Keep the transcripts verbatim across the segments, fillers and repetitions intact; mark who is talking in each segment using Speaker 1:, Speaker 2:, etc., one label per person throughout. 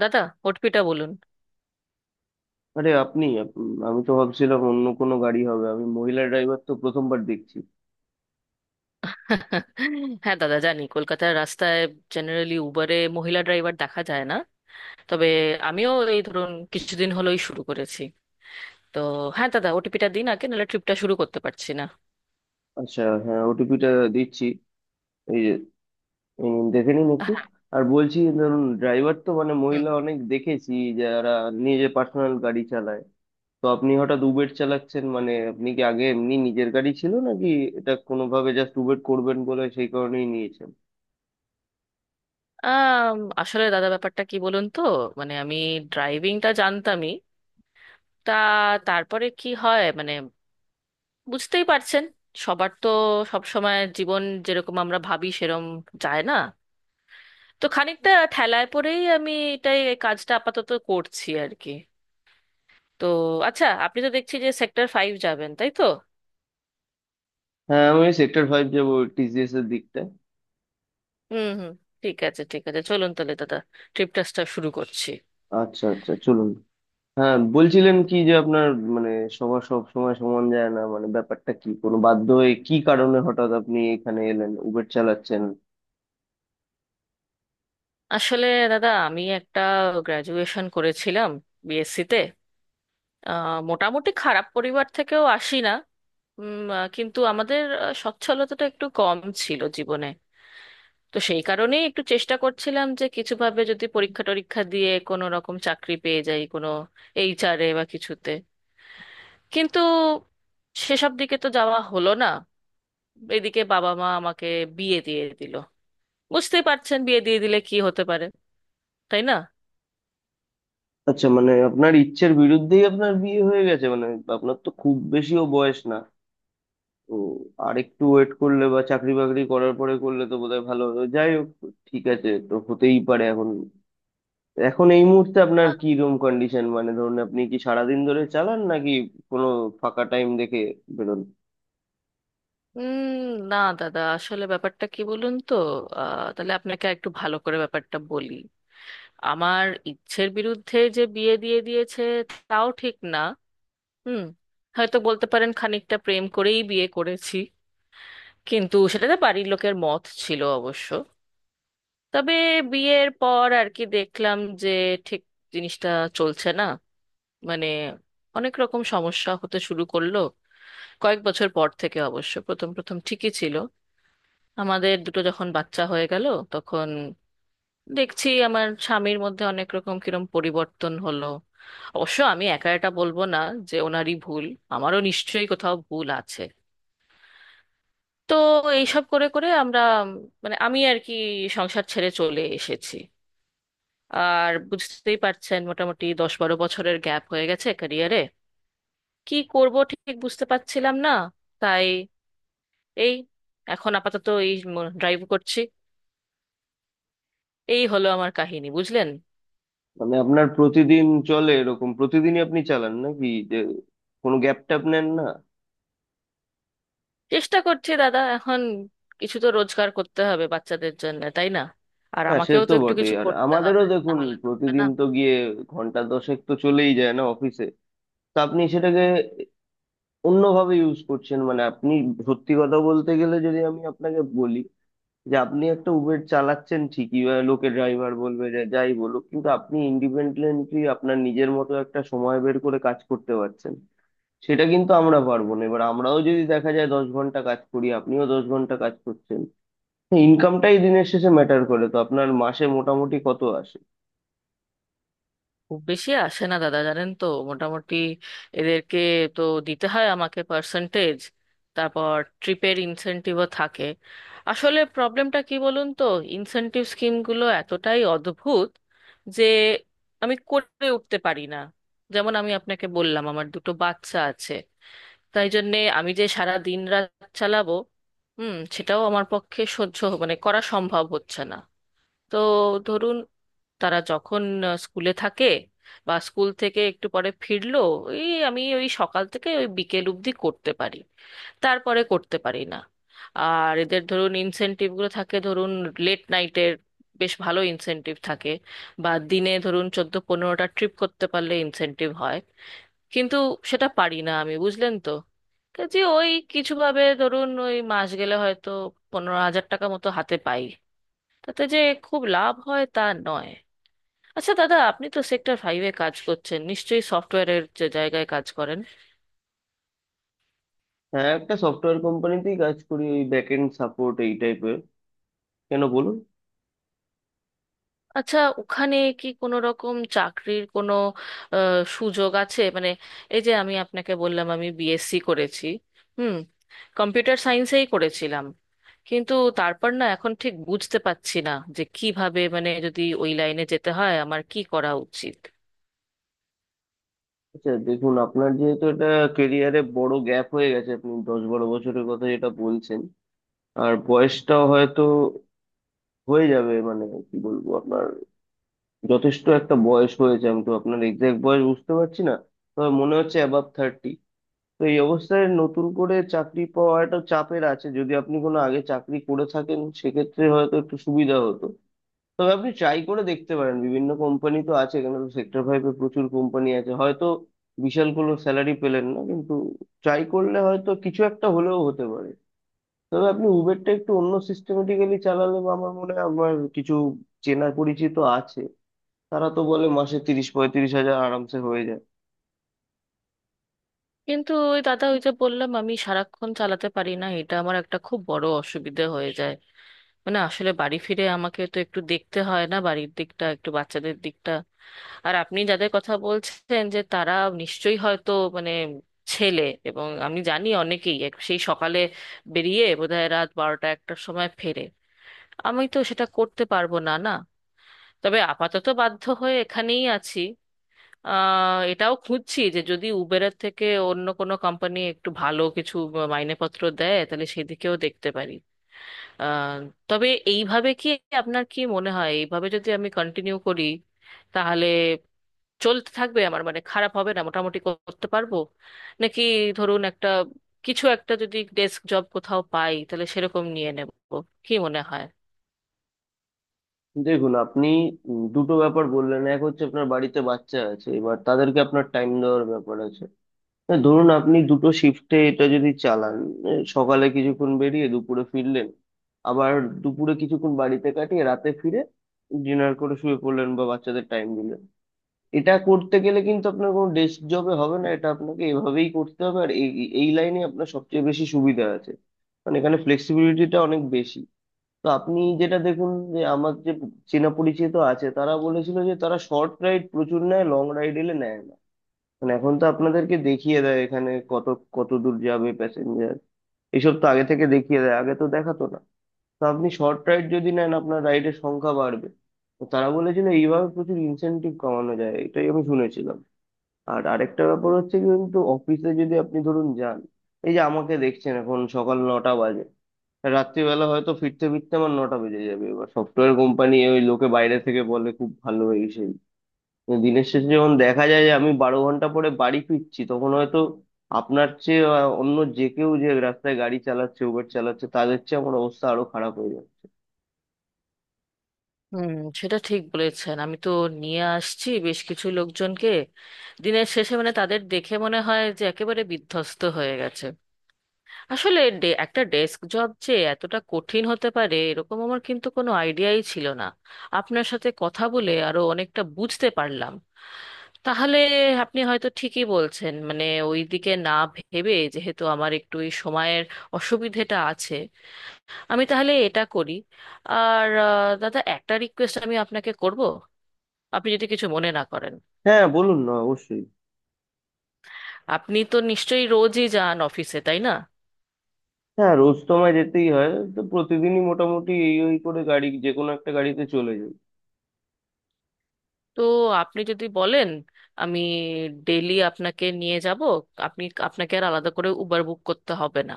Speaker 1: দাদা, ওটিপিটা বলুন।
Speaker 2: আরে আপনি আপ- আমি তো ভাবছিলাম অন্য কোনো গাড়ি হবে, আমি মহিলা ড্রাইভার তো প্রথমবার দেখছি।
Speaker 1: হ্যাঁ দাদা, জানি কলকাতার রাস্তায় জেনারেলি উবারে মহিলা ড্রাইভার দেখা যায় না। তবে আমিও এই ধরুন কিছুদিন হলোই শুরু করেছি। তো হ্যাঁ দাদা, ওটিপিটা দিন আগে, নাহলে ট্রিপটা শুরু করতে পারছি না।
Speaker 2: আচ্ছা হ্যাঁ, ওটিপিটা দিচ্ছি। এই যে, এই নিন, দেখে নিন একটু।
Speaker 1: হ্যাঁ,
Speaker 2: আর বলছি ধরুন, ড্রাইভার তো মানে
Speaker 1: হুম।
Speaker 2: মহিলা অনেক দেখেছি, যারা নিজে পার্সোনাল গাড়ি চালায়। তো আপনি হঠাৎ উবের চালাচ্ছেন মানে আপনি কি আগে এমনি নিজের গাড়ি ছিল নাকি এটা কোনোভাবে জাস্ট উবের করবেন বলে সেই কারণেই নিয়েছেন?
Speaker 1: আম, আসলে দাদা, ব্যাপারটা কি বলুন তো। মানে আমি ড্রাইভিংটা জানতামই। তা তারপরে কি হয়, মানে বুঝতেই পারছেন সবার তো সব সময় জীবন যেরকম আমরা ভাবি সেরকম যায় না। তো খানিকটা ঠেলায় পরেই আমি এটাই এই কাজটা আপাতত করছি আর কি। তো আচ্ছা, আপনি তো দেখছি যে সেক্টর ফাইভ যাবেন, তাই তো?
Speaker 2: হ্যাঁ, আমি সেক্টর ফাইভ যাবো, টি সি এস এর দিকটা।
Speaker 1: হুম হুম। ঠিক আছে ঠিক আছে, চলুন তাহলে দাদা, ট্রিপ টাসটা শুরু করছি।
Speaker 2: আচ্ছা আচ্ছা চলুন। হ্যাঁ বলছিলেন কি যে আপনার মানে সবার সব সময় সমান যায় না, মানে ব্যাপারটা কি, কোনো বাধ্য হয়ে কি কারণে হঠাৎ আপনি এখানে এলেন উবের চালাচ্ছেন?
Speaker 1: আসলে দাদা, আমি একটা গ্র্যাজুয়েশন করেছিলাম, বিএসসি তে। আহ, মোটামুটি খারাপ পরিবার থেকেও আসি না। উম, আহ, কিন্তু আমাদের আহ, সচ্ছলতাটা একটু কম ছিল জীবনে। তো সেই কারণেই একটু চেষ্টা করছিলাম যে কিছুভাবে যদি পরীক্ষা টরীক্ষা দিয়ে কোনো রকম চাকরি পেয়ে যাই কোনো এইচআরে বা কিছুতে। কিন্তু সেসব দিকে তো যাওয়া হলো না। এদিকে বাবা মা আমাকে বিয়ে দিয়ে দিল। বুঝতেই পারছেন বিয়ে দিয়ে দিলে কি হতে পারে, তাই না?
Speaker 2: আচ্ছা, মানে আপনার ইচ্ছের বিরুদ্ধেই আপনার বিয়ে হয়ে গেছে মানে? আপনার তো খুব বেশিও বয়স না। তো আর একটু ওয়েট করলে বা চাকরি বাকরি করার পরে করলে তো বোধহয় ভালো হতো। যাই হোক, ঠিক আছে, তো হতেই পারে। এখন এখন এই মুহূর্তে আপনার
Speaker 1: আহ,
Speaker 2: কি রুম কন্ডিশন, মানে ধরুন আপনি কি সারাদিন ধরে চালান নাকি কোনো ফাঁকা টাইম দেখে বেরোন?
Speaker 1: উম না দাদা, আসলে ব্যাপারটা কি বলুন তো। আহ, তাহলে আপনাকে একটু ভালো করে ব্যাপারটা বলি। আমার ইচ্ছের বিরুদ্ধে যে বিয়ে দিয়ে দিয়েছে, তাও ঠিক না। হুম। হয়তো বলতে পারেন খানিকটা প্রেম করেই বিয়ে করেছি, কিন্তু সেটাতে বাড়ির লোকের মত ছিল অবশ্য। তবে বিয়ের পর আর কি দেখলাম যে ঠিক জিনিসটা চলছে না, মানে অনেক রকম সমস্যা হতে শুরু করলো। কয়েক বছর পর থেকে অবশ্য, প্রথম প্রথম ঠিকই ছিল। আমাদের দুটো যখন বাচ্চা হয়ে গেল, তখন দেখছি আমার স্বামীর মধ্যে অনেক রকম কিরম পরিবর্তন হলো। অবশ্য আমি একা এটা বলবো না যে ওনারই ভুল, আমারও নিশ্চয়ই কোথাও ভুল আছে। তো এইসব করে করে আমরা, উম, মানে আমি আর কি সংসার ছেড়ে চলে এসেছি। আর বুঝতেই পারছেন মোটামুটি দশ বারো বছরের গ্যাপ হয়ে গেছে ক্যারিয়ারে। কি করব ঠিক বুঝতে পারছিলাম না। তাই এই এখন আপাতত এই ড্রাইভ করছি। এই হলো আমার কাহিনী, বুঝলেন?
Speaker 2: মানে আপনার প্রতিদিন চলে, এরকম প্রতিদিনই আপনি চালান নাকি, যে কোনো গ্যাপ ট্যাপ নেন না?
Speaker 1: চেষ্টা করছি দাদা এখন, কিছু তো রোজগার করতে হবে বাচ্চাদের জন্য, তাই না? আর
Speaker 2: না সে
Speaker 1: আমাকেও
Speaker 2: তো
Speaker 1: তো একটু
Speaker 2: বটেই,
Speaker 1: কিছু
Speaker 2: আর
Speaker 1: করতে
Speaker 2: আমাদেরও
Speaker 1: হবে, না
Speaker 2: দেখুন
Speaker 1: হলে তো হবে না।
Speaker 2: প্রতিদিন তো গিয়ে ঘন্টা দশেক তো চলেই যায় না অফিসে। তো আপনি সেটাকে অন্যভাবে ইউজ করছেন। মানে আপনি, সত্যি কথা বলতে গেলে যদি আমি আপনাকে বলি যে আপনি একটা উবের চালাচ্ছেন ঠিকই, বা লোকে ড্রাইভার বলবে, যে যাই বলুক, কিন্তু আপনি ইন্ডিপেন্ডেন্টলি আপনার নিজের মতো একটা সময় বের করে কাজ করতে পারছেন। সেটা কিন্তু আমরা পারবো না। এবার আমরাও যদি দেখা যায় দশ ঘন্টা কাজ করি, আপনিও দশ ঘন্টা কাজ করছেন, ইনকামটাই দিনের শেষে ম্যাটার করে। তো আপনার মাসে মোটামুটি কত আসে?
Speaker 1: খুব বেশি আসে না দাদা, জানেন তো। মোটামুটি এদেরকে তো দিতে হয় আমাকে পার্সেন্টেজ। তারপর ট্রিপের ইনসেনটিভও থাকে। আসলে প্রবলেমটা কি বলুন তো, ইনসেনটিভ স্কিমগুলো এতটাই অদ্ভুত যে আমি করে উঠতে পারি না। যেমন আমি আপনাকে বললাম আমার দুটো বাচ্চা আছে, তাই জন্যে আমি যে সারা দিন রাত চালাবো, হুম, সেটাও আমার পক্ষে সহ্য হ- মানে করা সম্ভব হচ্ছে না। তো ধরুন, তারা যখন আহ, স্কুলে থাকে বা স্কুল থেকে একটু পরে ফিরলো, এই আমি ওই সকাল থেকে ওই বিকেল অবধি করতে পারি, তারপরে করতে পারি না। আর এদের ধরুন ইনসেনটিভগুলো থাকে, ধরুন লেট নাইটের বেশ ভালো ইনসেনটিভ থাকে, বা দিনে ধরুন চোদ্দ পনেরোটা ট্রিপ করতে পারলে ইনসেনটিভ হয়। কিন্তু সেটা পারি না আমি, বুঝলেন তো? যে ওই কিছুভাবে ধরুন ওই মাস গেলে হয়তো পনেরো হাজার টাকা মতো হাতে পাই, তাতে যে খুব লাভ হয় তা নয়। আচ্ছা দাদা, আপনি তো সেক্টর ফাইভে কাজ করছেন নিশ্চয়ই সফটওয়্যারের, যে জায়গায় কাজ করেন।
Speaker 2: হ্যাঁ, একটা সফটওয়্যার কোম্পানিতেই কাজ করি, ওই ব্যাক এন্ড সাপোর্ট এই টাইপের। কেন বলুন?
Speaker 1: আচ্ছা ওখানে কি কোনো রকম চাকরির কোনো আহ, সুযোগ আছে, মানে এই যে আমি আপনাকে বললাম আমি বিএসসি করেছি, হুম, কম্পিউটার সায়েন্সেই করেছিলাম। কিন্তু তারপর না এখন ঠিক বুঝতে পারছি না যে কিভাবে, মানে যদি ওই লাইনে যেতে হয় আমার কি করা উচিত।
Speaker 2: আচ্ছা দেখুন, আপনার যেহেতু এটা কেরিয়ারে বড় গ্যাপ হয়ে গেছে, আপনি দশ বারো বছরের কথা যেটা বলছেন, আর বয়সটাও হয়তো হয়ে যাবে মানে, কি বলবো আপনার, যথেষ্ট একটা বয়স হয়েছে। আমি তো আপনার এক্সাক্ট বয়স বুঝতে পারছি না, তবে মনে হচ্ছে অ্যাবাভ থার্টি। তো এই অবস্থায় নতুন করে চাকরি পাওয়াটা চাপের আছে। যদি আপনি কোনো আগে চাকরি করে থাকেন সেক্ষেত্রে হয়তো একটু সুবিধা হতো। তবে আপনি ট্রাই করে দেখতে পারেন, বিভিন্ন কোম্পানি তো আছে, এখানে তো সেক্টর ফাইভে প্রচুর কোম্পানি আছে। হয়তো বিশাল কোনো স্যালারি পেলেন না, কিন্তু ট্রাই করলে হয়তো কিছু একটা হলেও হতে পারে। তবে আপনি উবেরটা একটু অন্য সিস্টেমেটিক্যালি চালালে, বা আমার মনে হয়, আমার কিছু চেনা পরিচিত আছে, তারা তো বলে মাসে তিরিশ পঁয়ত্রিশ হাজার আরামসে হয়ে যায়।
Speaker 1: কিন্তু ওই দাদা, ওই যে বললাম আমি সারাক্ষণ চালাতে পারি না, এটা আমার একটা খুব বড় অসুবিধে হয়ে যায়। মানে আসলে বাড়ি ফিরে আমাকে তো একটু দেখতে হয় না বাড়ির দিকটা, একটু বাচ্চাদের দিকটা। আর আপনি যাদের কথা বলছেন যে তারা নিশ্চয়ই হয়তো মানে ছেলে, এবং আমি জানি অনেকেই এক- সেই সকালে বেরিয়ে বোধহয় রাত বারোটা একটার সময় ফেরে। আমি তো সেটা করতে পারবো না, না। তবে আপাতত বাধ্য হয়ে এখানেই আছি। আহ এটাও খুঁজছি যে যদি উবেরের থেকে অন্য কোনো কোম্পানি একটু ভালো কিছু মাইনেপত্র দেয় তাহলে সেদিকেও দেখতে পারি। আহ, তবে এইভাবে কি, আপনার কি মনে হয় এইভাবে যদি আমি কন্টিনিউ করি তাহলে চলতে থাকবে আমার, মানে খারাপ হবে না মোটামুটি করতে পারবো? নাকি ধরুন একটা কিছু একটা যদি ডেস্ক জব কোথাও পাই তাহলে সেরকম নিয়ে নেব? কি মনে হয়?
Speaker 2: দেখুন আপনি উম, দুটো ব্যাপার বললেন। এক হচ্ছে আপনার বাড়িতে বাচ্চা আছে, এবার তাদেরকে আপনার টাইম দেওয়ার ব্যাপার আছে। এ, ধরুন আপনি দুটো শিফটে এটা যদি চালান, এ, সকালে কিছুক্ষণ বেরিয়ে দুপুরে ফিরলেন, আবার দুপুরে কিছুক্ষণ বাড়িতে কাটিয়ে রাতে ফিরে ডিনার করে শুয়ে পড়লেন বা বাচ্চাদের টাইম দিলেন। এটা করতে গেলে কিন্তু আপনার কোনো ডেস্ক জবে হবে না, এটা আপনাকে এভাবেই করতে হবে। আর এই এই লাইনে আপনার সবচেয়ে বেশি সুবিধা আছে, মানে এখানে ফ্লেক্সিবিলিটিটা অনেক বেশি। তো আপনি যেটা দেখুন, যে আমার যে চেনা পরিচিত আছে তারা বলেছিল যে তারা শর্ট রাইড প্রচুর নেয়, লং রাইড এলে নেয় না। মানে এখন তো আপনাদেরকে দেখিয়ে দেয় এখানে কত কত দূর যাবে প্যাসেঞ্জার, এসব তো আগে থেকে দেখিয়ে দেয়, আগে তো দেখাতো না। তো আপনি শর্ট রাইড যদি নেন আপনার রাইডের সংখ্যা বাড়বে। তো তারা বলেছিল এইভাবে প্রচুর ইনসেনটিভ কমানো যায়, এটাই আমি শুনেছিলাম। আর আরেকটা ব্যাপার হচ্ছে কি, কিন্তু অফিসে যদি আপনি ধরুন যান, এই যে আমাকে দেখছেন, এখন সকাল নটা বাজে, রাত্রিবেলা হয়তো ফিরতে ফিরতে আমার নটা বেজে যাবে। এবার সফটওয়্যার কোম্পানি ওই লোকে বাইরে থেকে বলে খুব ভালো এই সেই, কিন্তু দিনের শেষে যখন দেখা যায় যে আমি বারো ঘন্টা পরে বাড়ি ফিরছি, তখন হয়তো আপনার চেয়ে আহ, অন্য যে কেউ যে রাস্তায় গাড়ি চালাচ্ছে উবের চালাচ্ছে তাদের চেয়ে আমার অবস্থা আরো খারাপ হয়ে যাচ্ছে।
Speaker 1: হুম, সেটা ঠিক বলেছেন। আমি তো নিয়ে আসছি বেশ কিছু লোকজনকে, দিনের শেষে মানে তাদের দেখে মনে হয় যে একেবারে বিধ্বস্ত হয়ে গেছে। আসলে ডে- একটা ডেস্ক জব যে এতটা কঠিন হতে পারে এরকম আমার কিন্তু কোনো আইডিয়াই ছিল না। আপনার সাথে কথা বলে আরো অনেকটা বুঝতে পারলাম। তাহলে আপনি হয়তো ঠিকই বলছেন, মানে ওইদিকে না ভেবে, যেহেতু আমার একটু এই সময়ের অসুবিধেটা আছে, আমি তাহলে এটা করি। আর আহ, দাদা, একটা রিকোয়েস্ট আমি আপনাকে করব, আপনি যদি কিছু মনে না করেন।
Speaker 2: হ্যাঁ বলুন না, অবশ্যই।
Speaker 1: আপনি তো নিশ্চয়ই রোজই যান অফিসে, তাই না?
Speaker 2: হ্যাঁ, রোজ তো আমায় যেতেই হয়, তো প্রতিদিনই মোটামুটি এই ওই করে গাড়ি, যে কোনো একটা গাড়িতে চলে যাই।
Speaker 1: তো আপনি যদি বলেন, আমি ডেলি আপনাকে নিয়ে যাব। আপনি আপনাকে আর আলাদা করে উবার বুক করতে হবে না।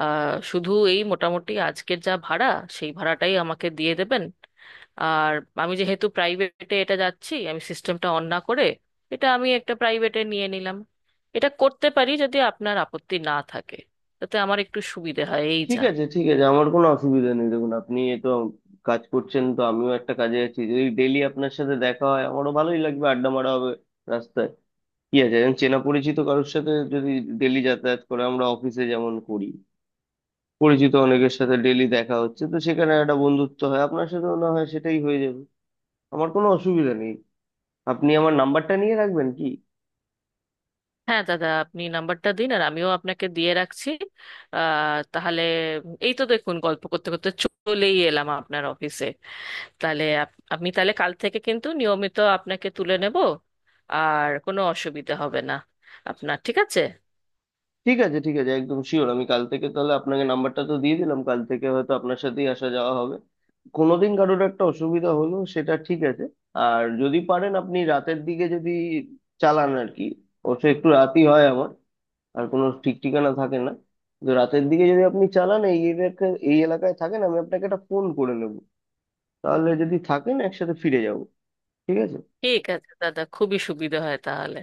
Speaker 1: আহ, শুধু এই মোটামুটি আজকের যা ভাড়া, সেই ভাড়াটাই আমাকে দিয়ে দেবেন। আর আমি যেহেতু প্রাইভেটে এটা যাচ্ছি, আমি সিস্টেমটা অন না করে এটা আমি একটা প্রাইভেটে নিয়ে নিলাম। এটা করতে পারি যদি আপনার আপত্তি না থাকে, তাতে আমার একটু সুবিধে হয় এই
Speaker 2: ঠিক
Speaker 1: যা।
Speaker 2: আছে ঠিক আছে, আমার কোনো অসুবিধা নেই। দেখুন আপনি এ তো কাজ করছেন, তো আমিও একটা কাজে আছি, যদি ডেইলি আপনার সাথে দেখা হয় আমারও ভালোই লাগবে, আড্ডা মারা হবে রাস্তায়। কি আছে, একজন চেনা পরিচিত কারোর সাথে যদি ডেইলি যাতায়াত করে, আমরা অফিসে যেমন করি পরিচিত অনেকের সাথে ডেইলি দেখা হচ্ছে, তো সেখানে একটা বন্ধুত্ব হয়, আপনার সাথেও না হয় সেটাই হয়ে যাবে। আমার কোনো অসুবিধা নেই, আপনি আমার নাম্বারটা নিয়ে রাখবেন কি?
Speaker 1: হ্যাঁ দাদা, আপনি নাম্বারটা দিন, আর আমিও আপনাকে দিয়ে রাখছি। আহ তাহলে, এই তো দেখুন গল্প করতে করতে চলেই এলাম আপনার অফিসে। তাহলে আপ- আমি তাহলে কাল থেকে কিন্তু নিয়মিত আপনাকে তুলে নেব, আর কোনো অসুবিধা হবে না আপনার, ঠিক আছে?
Speaker 2: ঠিক আছে ঠিক আছে, একদম শিওর। আমি কাল থেকে তাহলে, আপনাকে নাম্বারটা তো দিয়ে দিলাম, কাল থেকে হয়তো আপনার সাথেই আসা যাওয়া হবে। কোনোদিন কারোর একটা অসুবিধা হলো সেটা ঠিক আছে। আর যদি পারেন আপনি রাতের দিকে যদি চালান আর কি, অবশ্য একটু রাতই হয় আমার, আর কোনো ঠিক ঠিকানা থাকে না। তো রাতের দিকে যদি আপনি চালান, এই এলাকায় এই এলাকায় থাকেন, আমি আপনাকে একটা ফোন করে নেব, তাহলে যদি থাকেন একসাথে ফিরে যাব, ঠিক আছে?
Speaker 1: ঠিক আছে দাদা, খুবই সুবিধা হয় তাহলে।